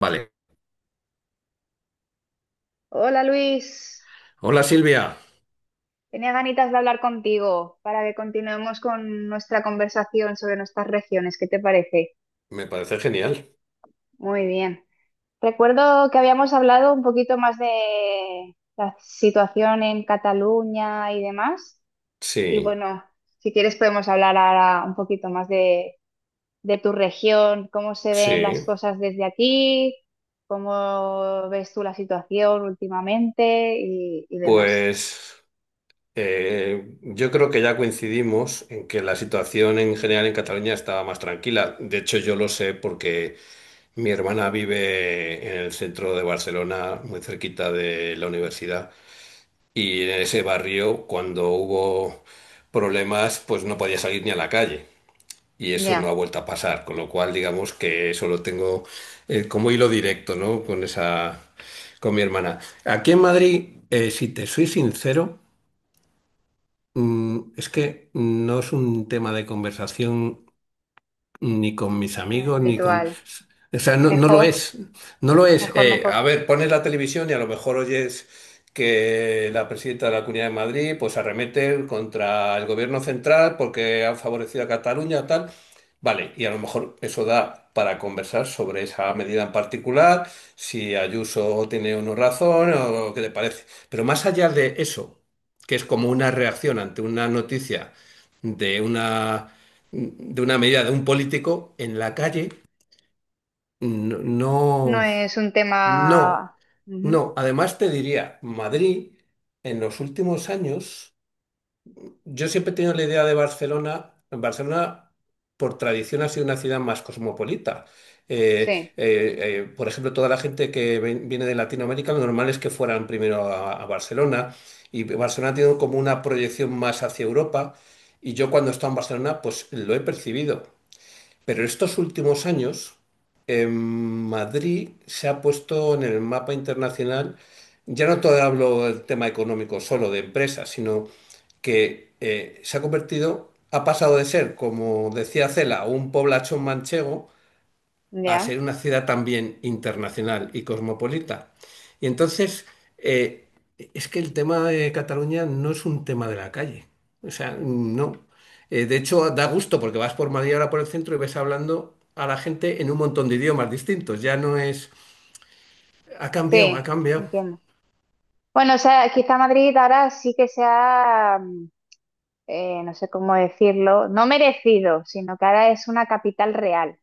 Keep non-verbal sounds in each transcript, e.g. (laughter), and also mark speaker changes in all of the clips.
Speaker 1: Vale.
Speaker 2: Hola Luis,
Speaker 1: Hola Silvia.
Speaker 2: tenía ganitas de hablar contigo para que continuemos con nuestra conversación sobre nuestras regiones. ¿Qué te parece?
Speaker 1: Me parece genial.
Speaker 2: Muy bien. Recuerdo que habíamos hablado un poquito más de la situación en Cataluña y demás. Y
Speaker 1: Sí,
Speaker 2: bueno, si quieres podemos hablar ahora un poquito más de tu región, cómo se ven las
Speaker 1: sí.
Speaker 2: cosas desde aquí, cómo ves tú la situación últimamente y demás.
Speaker 1: Pues yo creo que ya coincidimos en que la situación en general en Cataluña estaba más tranquila. De hecho, yo lo sé porque mi hermana vive en el centro de Barcelona, muy cerquita de la universidad. Y en ese barrio, cuando hubo problemas, pues no podía salir ni a la calle. Y eso no ha
Speaker 2: Ya,
Speaker 1: vuelto a pasar, con lo cual digamos que eso lo tengo como hilo directo, ¿no? Con esa, con mi hermana. Aquí en Madrid, si te soy sincero, es que no es un tema de conversación ni con mis amigos, ni con...
Speaker 2: habitual.
Speaker 1: O sea, no, no lo
Speaker 2: Mejor,
Speaker 1: es, no lo es.
Speaker 2: mejor,
Speaker 1: A
Speaker 2: mejor.
Speaker 1: ver, pones la televisión y a lo mejor oyes que la presidenta de la Comunidad de Madrid pues arremete contra el gobierno central porque han favorecido a Cataluña, tal. Vale, y a lo mejor eso da para conversar sobre esa medida en particular, si Ayuso tiene o no razón o qué te parece. Pero más allá de eso, que es como una reacción ante una noticia de una de una medida de un político en la calle, no,
Speaker 2: No
Speaker 1: no,
Speaker 2: es un
Speaker 1: no,
Speaker 2: tema... Ujú.
Speaker 1: no. Además te diría, Madrid en los últimos años, yo siempre he tenido la idea de Barcelona, Barcelona por tradición ha sido una ciudad más cosmopolita. Eh,
Speaker 2: Sí,
Speaker 1: eh, por ejemplo, toda la gente que viene de Latinoamérica, lo normal es que fueran primero a Barcelona y Barcelona tiene como una proyección más hacia Europa y yo cuando he estado en Barcelona, pues lo he percibido. Pero estos últimos años, en Madrid se ha puesto en el mapa internacional, ya no todo hablo del tema económico solo de empresas, sino que se ha convertido, ha pasado de ser, como decía Cela, un poblachón manchego a
Speaker 2: ya.
Speaker 1: ser una ciudad también internacional y cosmopolita. Y entonces, eh, es que el tema de Cataluña no es un tema de la calle. O sea, no. De hecho, da gusto porque vas por Madrid ahora por el centro y ves hablando a la gente en un montón de idiomas distintos. Ya no es... Ha cambiado, ha
Speaker 2: Sí,
Speaker 1: cambiado.
Speaker 2: entiendo. Bueno, o sea, quizá Madrid ahora sí que sea, no sé cómo decirlo, no merecido, sino que ahora es una capital real.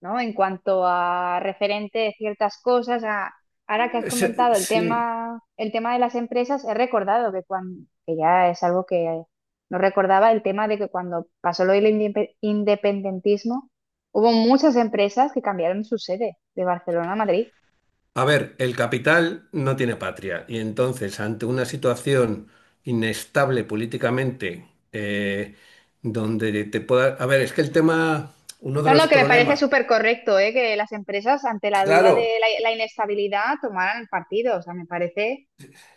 Speaker 2: ¿No? En cuanto a referente de ciertas cosas, ahora que has comentado
Speaker 1: Sí.
Speaker 2: el tema de las empresas, he recordado que cuando, que ya es algo que no recordaba, el tema de que cuando pasó lo del independentismo, hubo muchas empresas que cambiaron su sede de Barcelona a Madrid.
Speaker 1: A ver, el capital no tiene patria y entonces ante una situación inestable políticamente, donde te pueda... A ver, es que el tema, uno de
Speaker 2: No, no,
Speaker 1: los
Speaker 2: que me parece
Speaker 1: problemas,
Speaker 2: súper correcto, ¿eh? Que las empresas, ante la duda
Speaker 1: claro,
Speaker 2: de la inestabilidad, tomaran partido. O sea, me parece.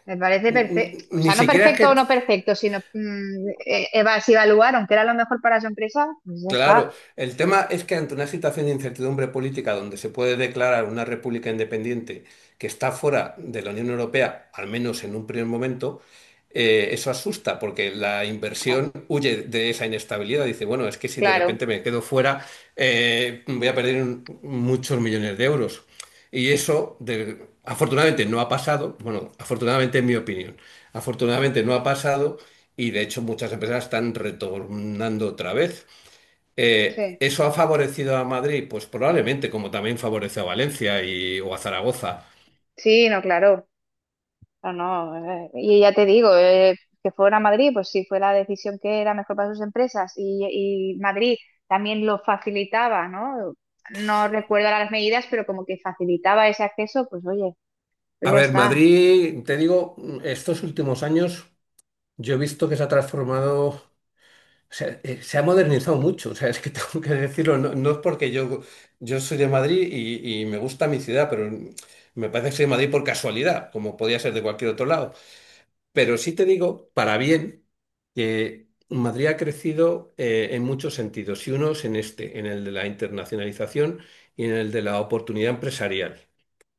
Speaker 2: Me parece perfecto, o
Speaker 1: ni
Speaker 2: sea, no
Speaker 1: siquiera es que...
Speaker 2: perfecto o no perfecto, sino mm, si evaluaron que era lo mejor para su empresa, pues ya
Speaker 1: Claro,
Speaker 2: está.
Speaker 1: el tema es que ante una situación de incertidumbre política donde se puede declarar una república independiente que está fuera de la Unión Europea, al menos en un primer momento, eso asusta porque la
Speaker 2: Ah,
Speaker 1: inversión huye de esa inestabilidad. Dice, bueno, es que si de
Speaker 2: claro,
Speaker 1: repente me quedo fuera, voy a perder muchos millones de euros. Y eso, afortunadamente, no ha pasado. Bueno, afortunadamente, en mi opinión, afortunadamente no ha pasado y de hecho muchas empresas están retornando otra vez.
Speaker 2: sí,
Speaker 1: ¿Eso ha favorecido a Madrid? Pues probablemente, como también favoreció a Valencia y, o a Zaragoza.
Speaker 2: sí, no, claro, no, no, y ya te digo, que fuera a Madrid, pues si fue la decisión que era mejor para sus empresas y Madrid también lo facilitaba, ¿no? No recuerdo ahora las medidas, pero como que facilitaba ese acceso, pues oye, pues
Speaker 1: A
Speaker 2: ya
Speaker 1: ver,
Speaker 2: está.
Speaker 1: Madrid, te digo, estos últimos años yo he visto que se ha transformado, o sea, se ha modernizado mucho, o sea, es que (laughs) tengo que decirlo, no, no es porque yo soy de Madrid y me gusta mi ciudad, pero me parece que soy de Madrid por casualidad, como podía ser de cualquier otro lado. Pero sí te digo, para bien, que Madrid ha crecido en muchos sentidos, y unos en este, en el de la internacionalización y en el de la oportunidad empresarial.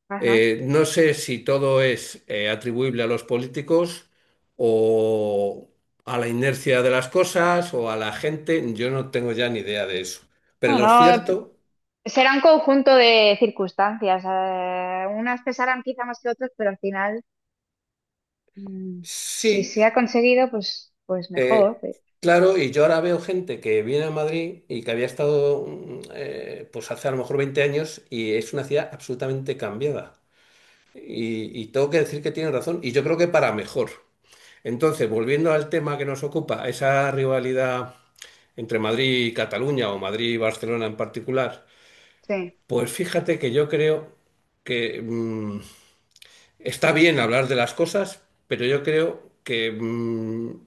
Speaker 2: Ajá.
Speaker 1: No sé si todo es atribuible a los políticos o a la inercia de las cosas o a la gente, yo no tengo ya ni idea de eso. Pero
Speaker 2: Bueno,
Speaker 1: lo cierto,
Speaker 2: será un conjunto de circunstancias. Unas pesarán quizá más que otras, pero al final, mm, si
Speaker 1: sí.
Speaker 2: se ha conseguido, pues, pues mejor.
Speaker 1: Eh,
Speaker 2: Eh,
Speaker 1: claro, y yo ahora veo gente que viene a Madrid y que había estado pues hace a lo mejor 20 años y es una ciudad absolutamente cambiada. Y tengo que decir que tiene razón, y yo creo que para mejor. Entonces, volviendo al tema que nos ocupa, esa rivalidad entre Madrid y Cataluña o Madrid y Barcelona en particular,
Speaker 2: sí.
Speaker 1: pues fíjate que yo creo que... está bien hablar de las cosas, pero yo creo que, mm,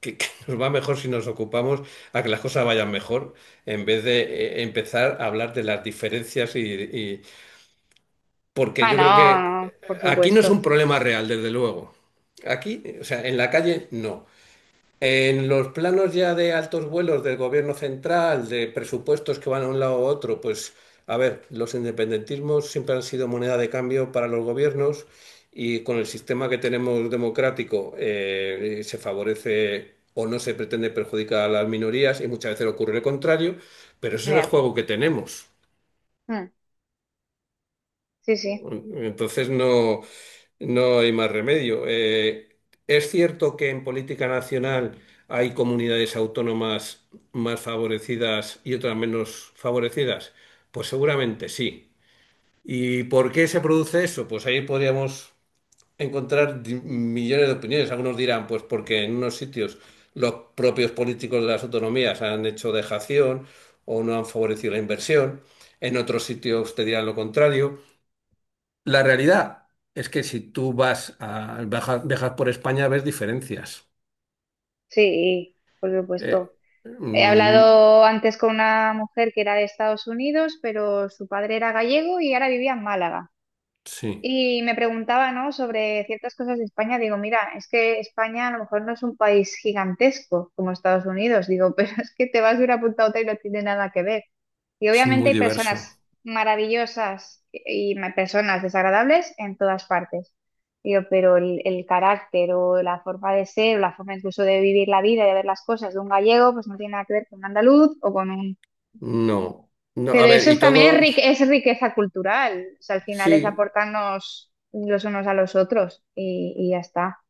Speaker 1: que, que (laughs) nos va mejor si nos ocupamos a que las cosas vayan mejor, en vez de empezar a hablar de las diferencias porque
Speaker 2: Ah,
Speaker 1: yo creo que
Speaker 2: no, no, por
Speaker 1: aquí no es
Speaker 2: supuesto.
Speaker 1: un problema real, desde luego. Aquí, o sea, en la calle no. En los planos ya de altos vuelos del gobierno central, de presupuestos que van a un lado u otro, pues a ver, los independentismos siempre han sido moneda de cambio para los gobiernos y con el sistema que tenemos democrático se favorece o no se pretende perjudicar a las minorías y muchas veces ocurre lo contrario, pero ese es el
Speaker 2: Ya.
Speaker 1: juego que tenemos.
Speaker 2: Mm, sí, sí,
Speaker 1: Entonces no, no hay más remedio. Es cierto que en política nacional hay comunidades autónomas más favorecidas y otras menos favorecidas. Pues seguramente sí. ¿Y por qué se produce eso? Pues ahí podríamos encontrar millones de opiniones. Algunos dirán, pues porque en unos sitios los propios políticos de las autonomías han hecho dejación o no han favorecido la inversión. En otros sitios te dirán lo contrario. La realidad es que si tú vas a, viajas, viajas por España ves diferencias.
Speaker 2: sí, por supuesto.
Speaker 1: Eh,
Speaker 2: He
Speaker 1: mm,
Speaker 2: hablado antes con una mujer que era de Estados Unidos, pero su padre era gallego y ahora vivía en Málaga.
Speaker 1: sí,
Speaker 2: Y me preguntaba, ¿no? Sobre ciertas cosas de España. Digo, mira, es que España a lo mejor no es un país gigantesco como Estados Unidos. Digo, (laughs) pero es que te vas de una punta a otra y no tiene nada que ver. Y
Speaker 1: es
Speaker 2: obviamente
Speaker 1: muy
Speaker 2: hay
Speaker 1: diverso.
Speaker 2: personas maravillosas y personas desagradables en todas partes. Digo, pero el carácter o la forma de ser, o la forma incluso de vivir la vida, de ver las cosas de un gallego, pues no tiene nada que ver con un andaluz o con un.
Speaker 1: No, no, a
Speaker 2: Pero
Speaker 1: ver,
Speaker 2: eso
Speaker 1: y
Speaker 2: es, también es,
Speaker 1: todo,
Speaker 2: es riqueza cultural. O sea, al final es
Speaker 1: sí,
Speaker 2: aportarnos los unos a los otros y ya está.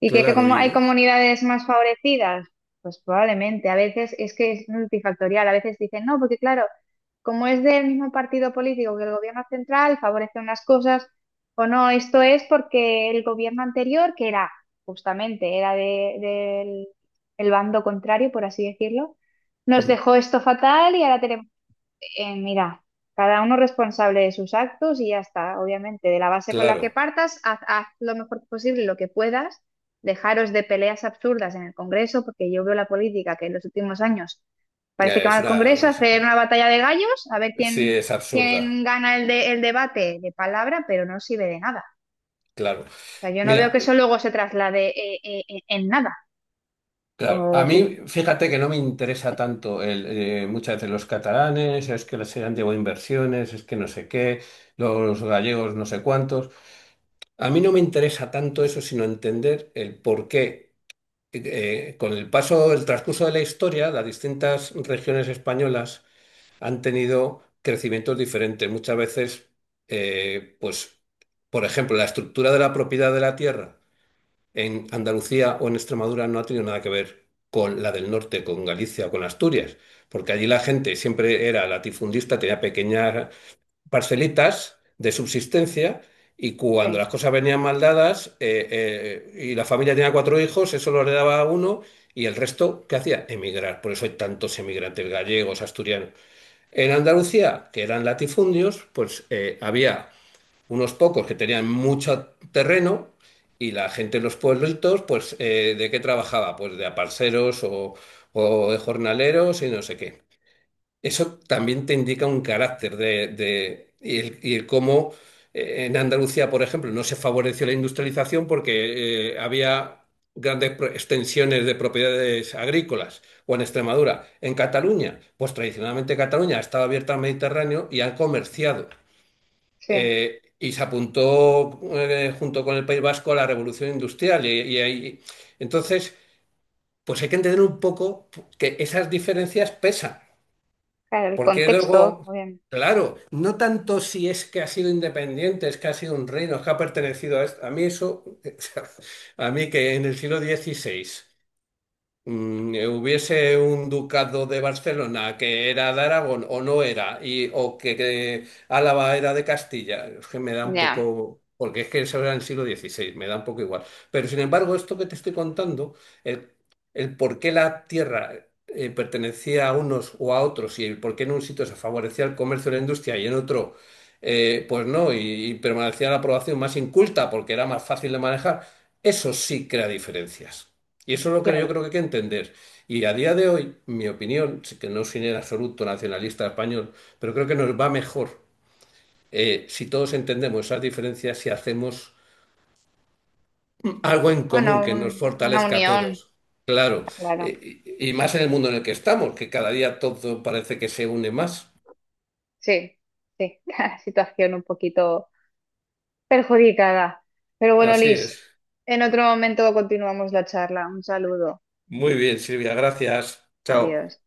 Speaker 2: ¿Y que
Speaker 1: claro,
Speaker 2: como hay comunidades más favorecidas? Pues probablemente. A veces es que es multifactorial. A veces dicen, no, porque claro, como es del mismo partido político que el gobierno central, favorece unas cosas. O no, esto es porque el gobierno anterior, que era justamente, era del el bando contrario, por así decirlo, nos
Speaker 1: mm,
Speaker 2: dejó esto fatal y ahora tenemos mira, cada uno responsable de sus actos y ya está, obviamente. De la base con la que
Speaker 1: claro.
Speaker 2: partas, haz, haz lo mejor posible, lo que puedas. Dejaros de peleas absurdas en el Congreso, porque yo veo la política que en los últimos años parece que va
Speaker 1: Es
Speaker 2: al Congreso a
Speaker 1: una...
Speaker 2: hacer una batalla de gallos, a ver
Speaker 1: Sí,
Speaker 2: quién,
Speaker 1: es absurda,
Speaker 2: quién gana el, el debate de palabra, pero no sirve de nada.
Speaker 1: claro.
Speaker 2: O sea, yo no veo
Speaker 1: Mira,
Speaker 2: que eso luego se traslade en nada.
Speaker 1: claro, a
Speaker 2: O quiz-.
Speaker 1: mí fíjate que no me interesa tanto el, muchas veces los catalanes, es que les han llevado inversiones, es que no sé qué, los gallegos no sé cuántos. A mí no me interesa tanto eso, sino entender el por qué, con el paso, el transcurso de la historia, las distintas regiones españolas han tenido crecimientos diferentes. Muchas veces, pues, por ejemplo, la estructura de la propiedad de la tierra en Andalucía o en Extremadura no ha tenido nada que ver con la del norte, con Galicia o con Asturias, porque allí la gente siempre era latifundista, tenía pequeñas parcelitas de subsistencia y cuando
Speaker 2: Sí,
Speaker 1: las cosas venían mal dadas y la familia tenía cuatro hijos, eso lo heredaba a uno y el resto, ¿qué hacía? Emigrar. Por eso hay tantos emigrantes gallegos, asturianos. En Andalucía, que eran latifundios, pues había unos pocos que tenían mucho terreno y la gente en los pueblitos, pues ¿de qué trabajaba? Pues de aparceros o de jornaleros y no sé qué. Eso también te indica un carácter y el cómo en Andalucía, por ejemplo, no se favoreció la industrialización porque había grandes extensiones de propiedades agrícolas, o en Extremadura. En Cataluña, pues tradicionalmente Cataluña ha estado abierta al Mediterráneo y ha comerciado.
Speaker 2: sí.
Speaker 1: Y se apuntó junto con el País Vasco a la revolución industrial. Entonces, pues hay que entender un poco que esas diferencias pesan.
Speaker 2: Claro, el
Speaker 1: Porque
Speaker 2: contexto,
Speaker 1: luego,
Speaker 2: obviamente.
Speaker 1: claro, no tanto si es que ha sido independiente, es que ha sido un reino, es que ha pertenecido a esto. A mí eso, (laughs) a mí que en el siglo XVI. Hubiese un ducado de Barcelona que era de Aragón o no era, o que Álava era de Castilla, es que me da un
Speaker 2: Ya,
Speaker 1: poco, porque es que eso era en el siglo XVI, me da un poco igual. Pero sin embargo, esto que te estoy contando, el, el por qué la tierra pertenecía a unos o a otros y el por qué en un sitio se favorecía el comercio y la industria y en otro, pues no, y permanecía la población más inculta porque era más fácil de manejar, eso sí crea diferencias. Y eso es lo que yo
Speaker 2: claro.
Speaker 1: creo que hay que entender. Y a día de hoy, mi opinión, sí que no soy en absoluto nacionalista español, pero creo que nos va mejor si todos entendemos esas diferencias, si hacemos algo en común
Speaker 2: Bueno,
Speaker 1: que nos
Speaker 2: una
Speaker 1: fortalezca a
Speaker 2: unión,
Speaker 1: todos. Claro,
Speaker 2: claro.
Speaker 1: eh, y más en el mundo en el que estamos, que cada día todo parece que se une más.
Speaker 2: Sí, sí, (laughs) la situación un poquito perjudicada. Pero bueno,
Speaker 1: Así
Speaker 2: Liz,
Speaker 1: es.
Speaker 2: en otro momento continuamos la charla. Un saludo.
Speaker 1: Muy bien, Silvia, gracias. Chao.
Speaker 2: Adiós.